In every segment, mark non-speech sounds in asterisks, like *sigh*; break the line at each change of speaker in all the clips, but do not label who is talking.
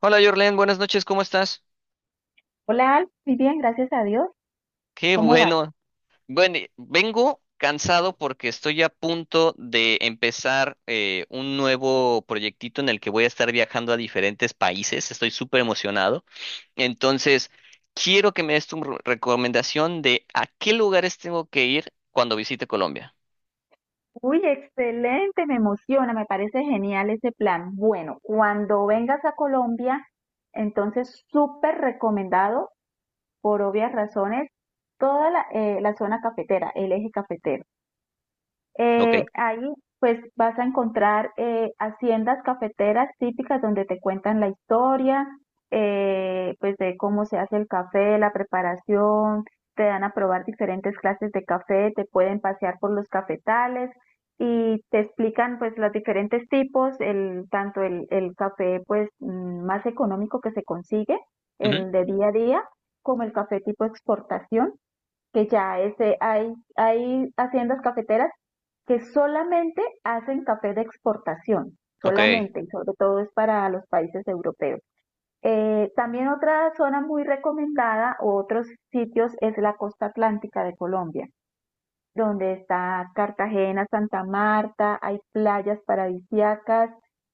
Hola Jorlen, buenas noches, ¿cómo estás?
Hola, Alf, muy bien, gracias a Dios.
Qué
¿Cómo vas?
bueno. Bueno, vengo cansado porque estoy a punto de empezar un nuevo proyectito en el que voy a estar viajando a diferentes países. Estoy súper emocionado. Entonces, quiero que me des tu recomendación de a qué lugares tengo que ir cuando visite Colombia.
Uy, excelente, me emociona, me parece genial ese plan. Bueno, cuando vengas a Colombia, entonces súper recomendado, por obvias razones, toda la zona cafetera, el eje cafetero.
¿Ok?
Ahí pues vas a encontrar haciendas cafeteras típicas donde te cuentan la historia, pues de cómo se hace el café, la preparación, te dan a probar diferentes clases de café, te pueden pasear por los cafetales y te explican pues los diferentes tipos, tanto el café pues más económico que se consigue,
Ujú.
el de día a día, como el café tipo exportación que ya este, hay haciendas cafeteras que solamente hacen café de exportación,
Ok.
solamente, y sobre todo es para los países europeos. También otra zona muy recomendada, otros sitios, es la costa atlántica de Colombia, donde está Cartagena, Santa Marta, hay playas paradisíacas,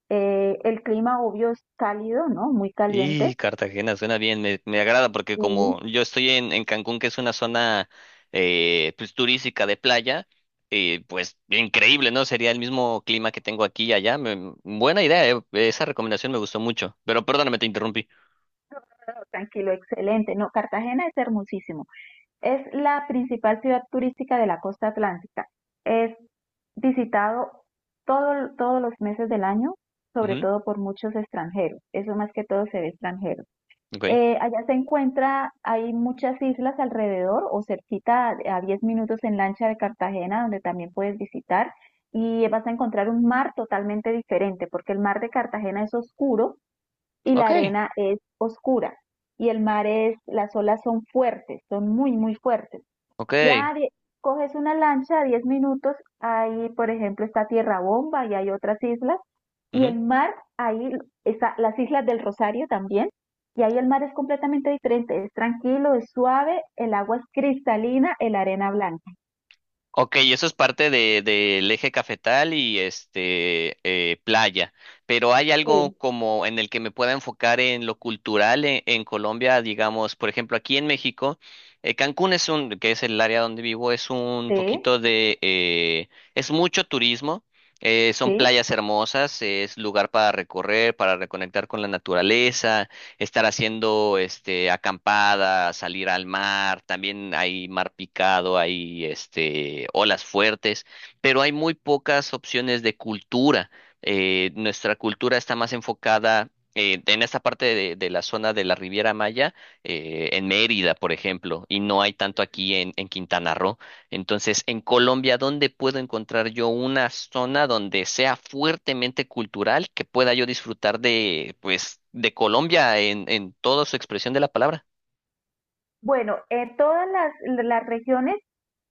el clima obvio es cálido, ¿no? Muy
Y
caliente,
Cartagena suena bien, me agrada porque como
muy
yo estoy en Cancún, que es una zona turística de playa, pues increíble, ¿no? Sería el mismo clima que tengo aquí y allá. Buena idea, esa recomendación me gustó mucho. Pero perdóname, te interrumpí.
tranquilo, excelente. No, Cartagena es hermosísimo. Es la principal ciudad turística de la costa atlántica. Es visitado todos los meses del año, sobre
Ujú.
todo por muchos extranjeros. Eso más que todo se ve extranjero.
Ok,
Allá se encuentra, hay muchas islas alrededor o cerquita a 10 minutos en lancha de Cartagena, donde también puedes visitar y vas a encontrar un mar totalmente diferente, porque el mar de Cartagena es oscuro y la
ok,
arena es oscura. Y el mar es, las olas son fuertes, son muy, muy fuertes.
ok.
Ya die- Coges una lancha, 10 minutos, ahí por ejemplo está Tierra Bomba y hay otras islas, y el mar, ahí está las Islas del Rosario también, y ahí el mar es completamente diferente, es tranquilo, es suave, el agua es cristalina, el arena blanca.
Ok, eso es parte de, del eje cafetal y este playa, pero hay algo
Sí,
como en el que me pueda enfocar en lo cultural en Colombia, digamos, por ejemplo, aquí en México, Cancún es un, que es el área donde vivo, es un
sí,
poquito de, es mucho turismo, son
sí.
playas hermosas, es lugar para recorrer, para reconectar con la naturaleza, estar haciendo este acampada, salir al mar, también hay mar picado, hay este olas fuertes, pero hay muy pocas opciones de cultura. Nuestra cultura está más enfocada en esta parte de la zona de la Riviera Maya, en Mérida, por ejemplo, y no hay tanto aquí en Quintana Roo. Entonces, en Colombia, ¿dónde puedo encontrar yo una zona donde sea fuertemente cultural que pueda yo disfrutar de, pues, de Colombia en toda su expresión de la palabra?
Bueno, las regiones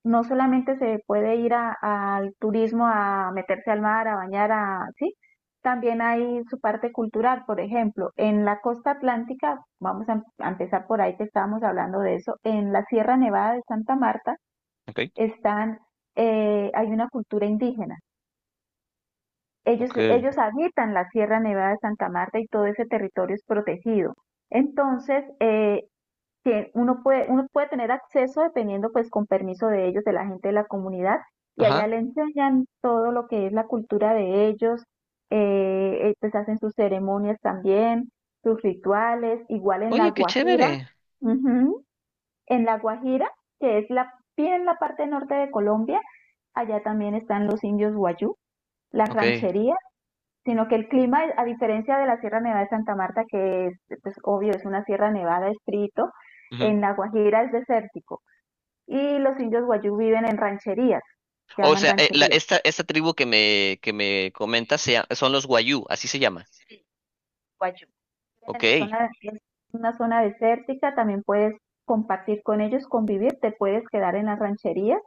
no solamente se puede ir al turismo a meterse al mar, a bañar, a, sí, también hay su parte cultural, por ejemplo, en la costa atlántica, a empezar por ahí que estábamos hablando de eso, en la Sierra Nevada de Santa Marta
Ok,
están, hay una cultura indígena. Ellos,
ok.
ellos habitan la Sierra Nevada de Santa Marta y todo ese territorio es protegido. Entonces, que uno puede tener acceso dependiendo pues con permiso de ellos, de la gente de la comunidad, y allá
Ajá.
le enseñan todo lo que es la cultura de ellos, pues hacen sus ceremonias también, sus rituales, igual en La
Oye, qué
Guajira,
chévere.
ujú, en La Guajira, que es la, bien en la parte norte de Colombia, allá también están los indios Guayú, las
Ok.
rancherías, sino que el clima, a diferencia de la Sierra Nevada de Santa Marta, que es, pues, obvio, es una Sierra Nevada estrito,
Ujú.
en La Guajira es desértico y los indios guayú viven en rancherías, se
O
llaman
sea,
rancherías.
esta, esta tribu que me comentas son los Guayú, así se llama.
En la
Ok.
zona, es una zona desértica, también puedes compartir con ellos, convivir, te puedes quedar en las rancherías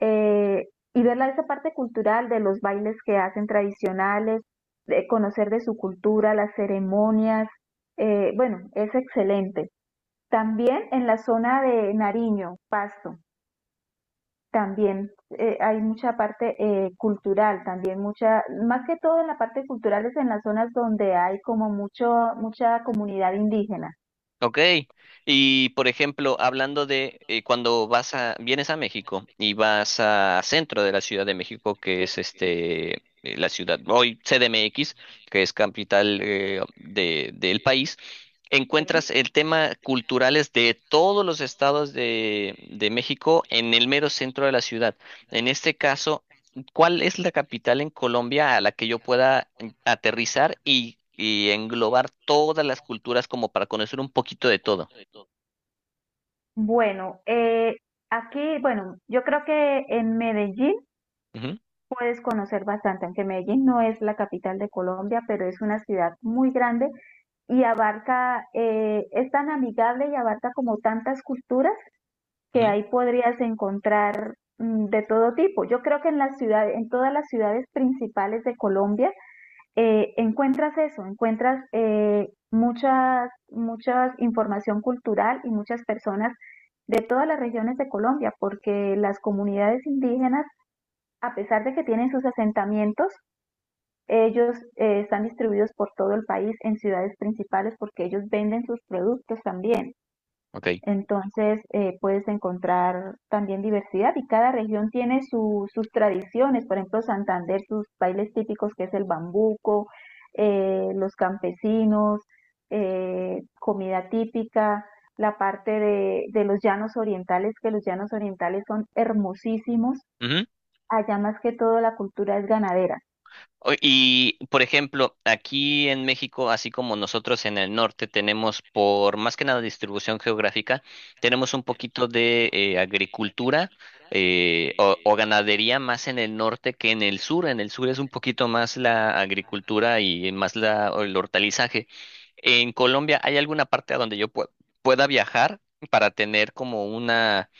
eh, y ver esa parte cultural de los bailes que hacen tradicionales, de conocer de su cultura, las ceremonias. Bueno, es excelente. También en la zona de Nariño, Pasto, también hay mucha parte cultural, también mucha, más que todo en la parte cultural es en las zonas donde hay como mucho, mucha comunidad indígena.
Ok, y por ejemplo, hablando de cuando vienes a México y vas a centro de la Ciudad de México, que
Sí,
es
sí.
este, la ciudad, hoy CDMX, que es capital de, del país, encuentras el tema culturales de todos los estados de México en el mero centro de la ciudad. En este caso, ¿cuál es la capital en Colombia a la que yo pueda aterrizar y englobar todas las culturas como para conocer un poquito de todo?
Bueno, aquí, bueno, yo creo que en Medellín
Ujú,
puedes conocer bastante, aunque Medellín no es la capital de Colombia, pero es una ciudad muy grande y abarca, es tan amigable y abarca como tantas culturas que
ujú,
ahí podrías encontrar de todo tipo. Yo creo que en las ciudades, en todas las ciudades principales de Colombia, encuentras eso, encuentras muchas, muchas información cultural y muchas personas de todas las regiones de Colombia, porque las comunidades indígenas a pesar de que tienen sus asentamientos, ellos están distribuidos por todo el país en ciudades principales porque ellos venden sus productos también.
ok.
Entonces puedes encontrar también diversidad y cada región tiene sus tradiciones. Por ejemplo, Santander, sus bailes típicos que es el bambuco, los campesinos, comida típica, la parte de los llanos orientales, que los llanos orientales son hermosísimos.
Ujú.
Allá más que todo la cultura es ganadera.
O- Y, por ejemplo, aquí en México, así como nosotros en el norte tenemos, por más que nada distribución geográfica, tenemos un poquito de agricultura o ganadería más en el norte que en el sur. En el sur es un poquito más la agricultura y más la, el hortalizaje. En Colombia, ¿hay alguna parte a donde yo pueda viajar para tener como una,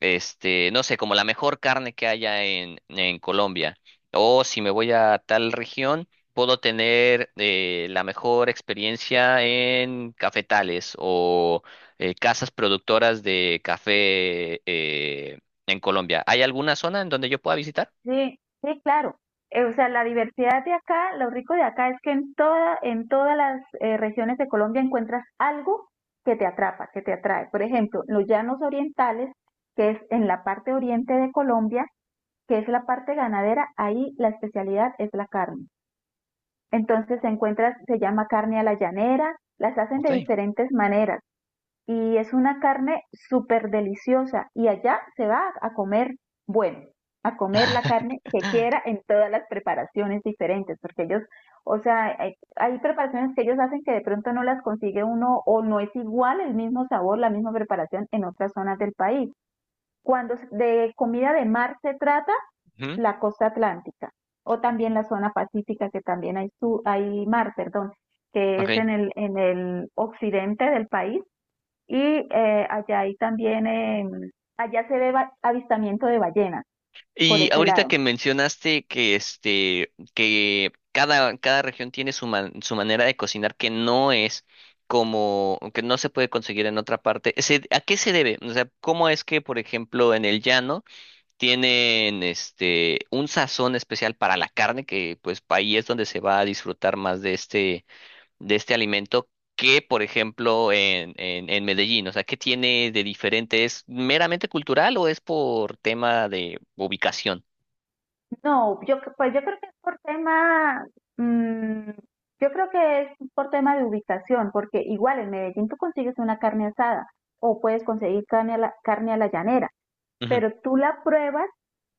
este, no sé, como la mejor carne que haya en Colombia? O si me voy a tal región, puedo tener la mejor experiencia en cafetales o casas productoras de café en Colombia. ¿Hay alguna zona en donde yo pueda visitar?
Sí, sí, claro. O sea, la diversidad de acá, lo rico de acá es que en todas las regiones de Colombia encuentras algo que te atrapa, que te atrae. Por ejemplo, los llanos orientales, que es en la parte oriente de Colombia, que es la parte ganadera, ahí la especialidad es la carne. Entonces se encuentra, se llama carne a la llanera, las hacen
Ok.
de diferentes maneras. Y es una carne súper deliciosa y allá se va a comer, bueno, a comer la carne que quiera en todas las preparaciones diferentes, porque ellos, o sea, hay preparaciones que ellos hacen que de pronto no las consigue uno o no es igual el mismo sabor, la misma preparación en otras zonas del país. Cuando de comida de mar se trata,
Ujú,
la costa atlántica o también la zona pacífica, que también hay, su, hay mar, perdón, que es
ok.
en en el occidente del país, y allá hay también, allá se ve avistamiento de ballenas por
Y
ese
ahorita
lado.
que mencionaste que este que cada región tiene su manera de cocinar que no es como que no se puede conseguir en otra parte. ¿A qué se debe? O sea, ¿cómo es que, por ejemplo, en el llano tienen este un sazón especial para la carne, que pues ahí es donde se va a disfrutar más de este alimento que, por ejemplo, en Medellín? O sea, ¿qué tiene de diferente? ¿Es meramente cultural o es por tema de ubicación?
No, pues yo creo que es por tema, mm, yo creo que es por tema de ubicación, porque igual en Medellín tú consigues una carne asada o puedes conseguir carne a la llanera.
Ujú.
Pero tú la pruebas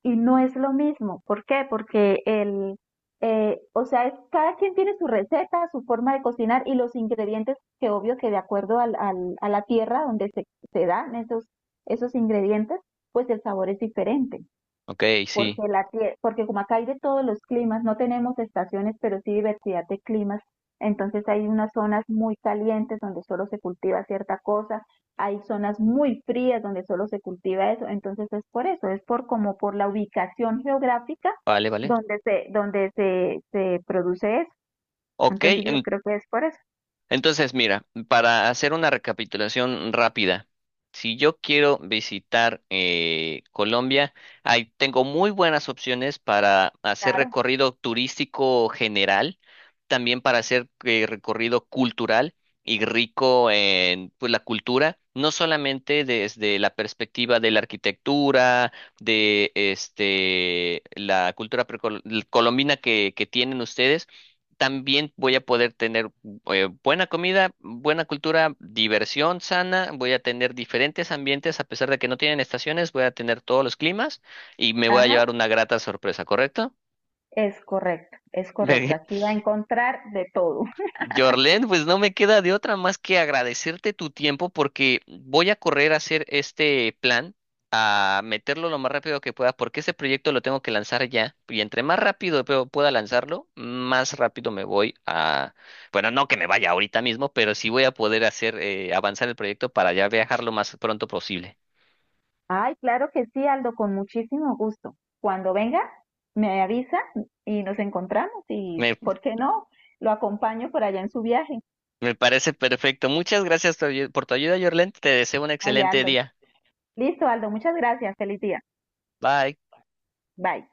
y no es lo mismo. ¿Por qué? Porque o sea, cada quien tiene su receta, su forma de cocinar y los ingredientes que obvio que de acuerdo a la tierra se dan esos ingredientes, pues el sabor es diferente
Ok,
porque,
sí.
porque como acá hay de todos los climas, no tenemos estaciones, pero sí diversidad de climas, entonces hay unas zonas muy calientes donde solo se cultiva cierta cosa, hay zonas muy frías donde solo se cultiva eso, entonces es por eso, es por como por la ubicación geográfica
Vale, vale.
donde se produce eso.
Ok.
Entonces yo creo que es por eso.
Entonces, mira, para hacer una recapitulación rápida, si yo quiero visitar Colombia, ahí tengo muy buenas opciones para hacer
Claro.
recorrido turístico general, también para hacer recorrido cultural y rico en pues, la cultura, no solamente desde la perspectiva de la arquitectura, de este, la cultura colombina que tienen ustedes, también voy a poder tener buena comida, buena cultura, diversión sana, voy a tener diferentes ambientes, a pesar de que no tienen estaciones, voy a tener todos los climas y me voy a
Ajá,
llevar una grata sorpresa, ¿correcto?
es correcto, es correcto. Aquí
*laughs*
va a encontrar de todo.
Jorlen, pues no me queda de otra más que agradecerte tu tiempo porque voy a correr a hacer este plan, a meterlo lo más rápido que pueda, porque ese proyecto lo tengo que lanzar ya. Y entre más rápido pueda lanzarlo, más rápido me voy a... Bueno, no que me vaya ahorita mismo, pero sí voy a poder hacer avanzar el proyecto para ya viajar lo más pronto posible.
Ay, claro que sí, Aldo, con muchísimo gusto. Cuando venga, me avisa y nos encontramos y,
Me,
¿por qué no? Lo acompaño por allá en su viaje.
Me parece perfecto. Muchas gracias por tu ayuda, Jorlen. Te deseo un
Ay,
excelente
Aldo.
día.
Listo, Aldo, muchas gracias. Feliz día.
Bye.
Bye.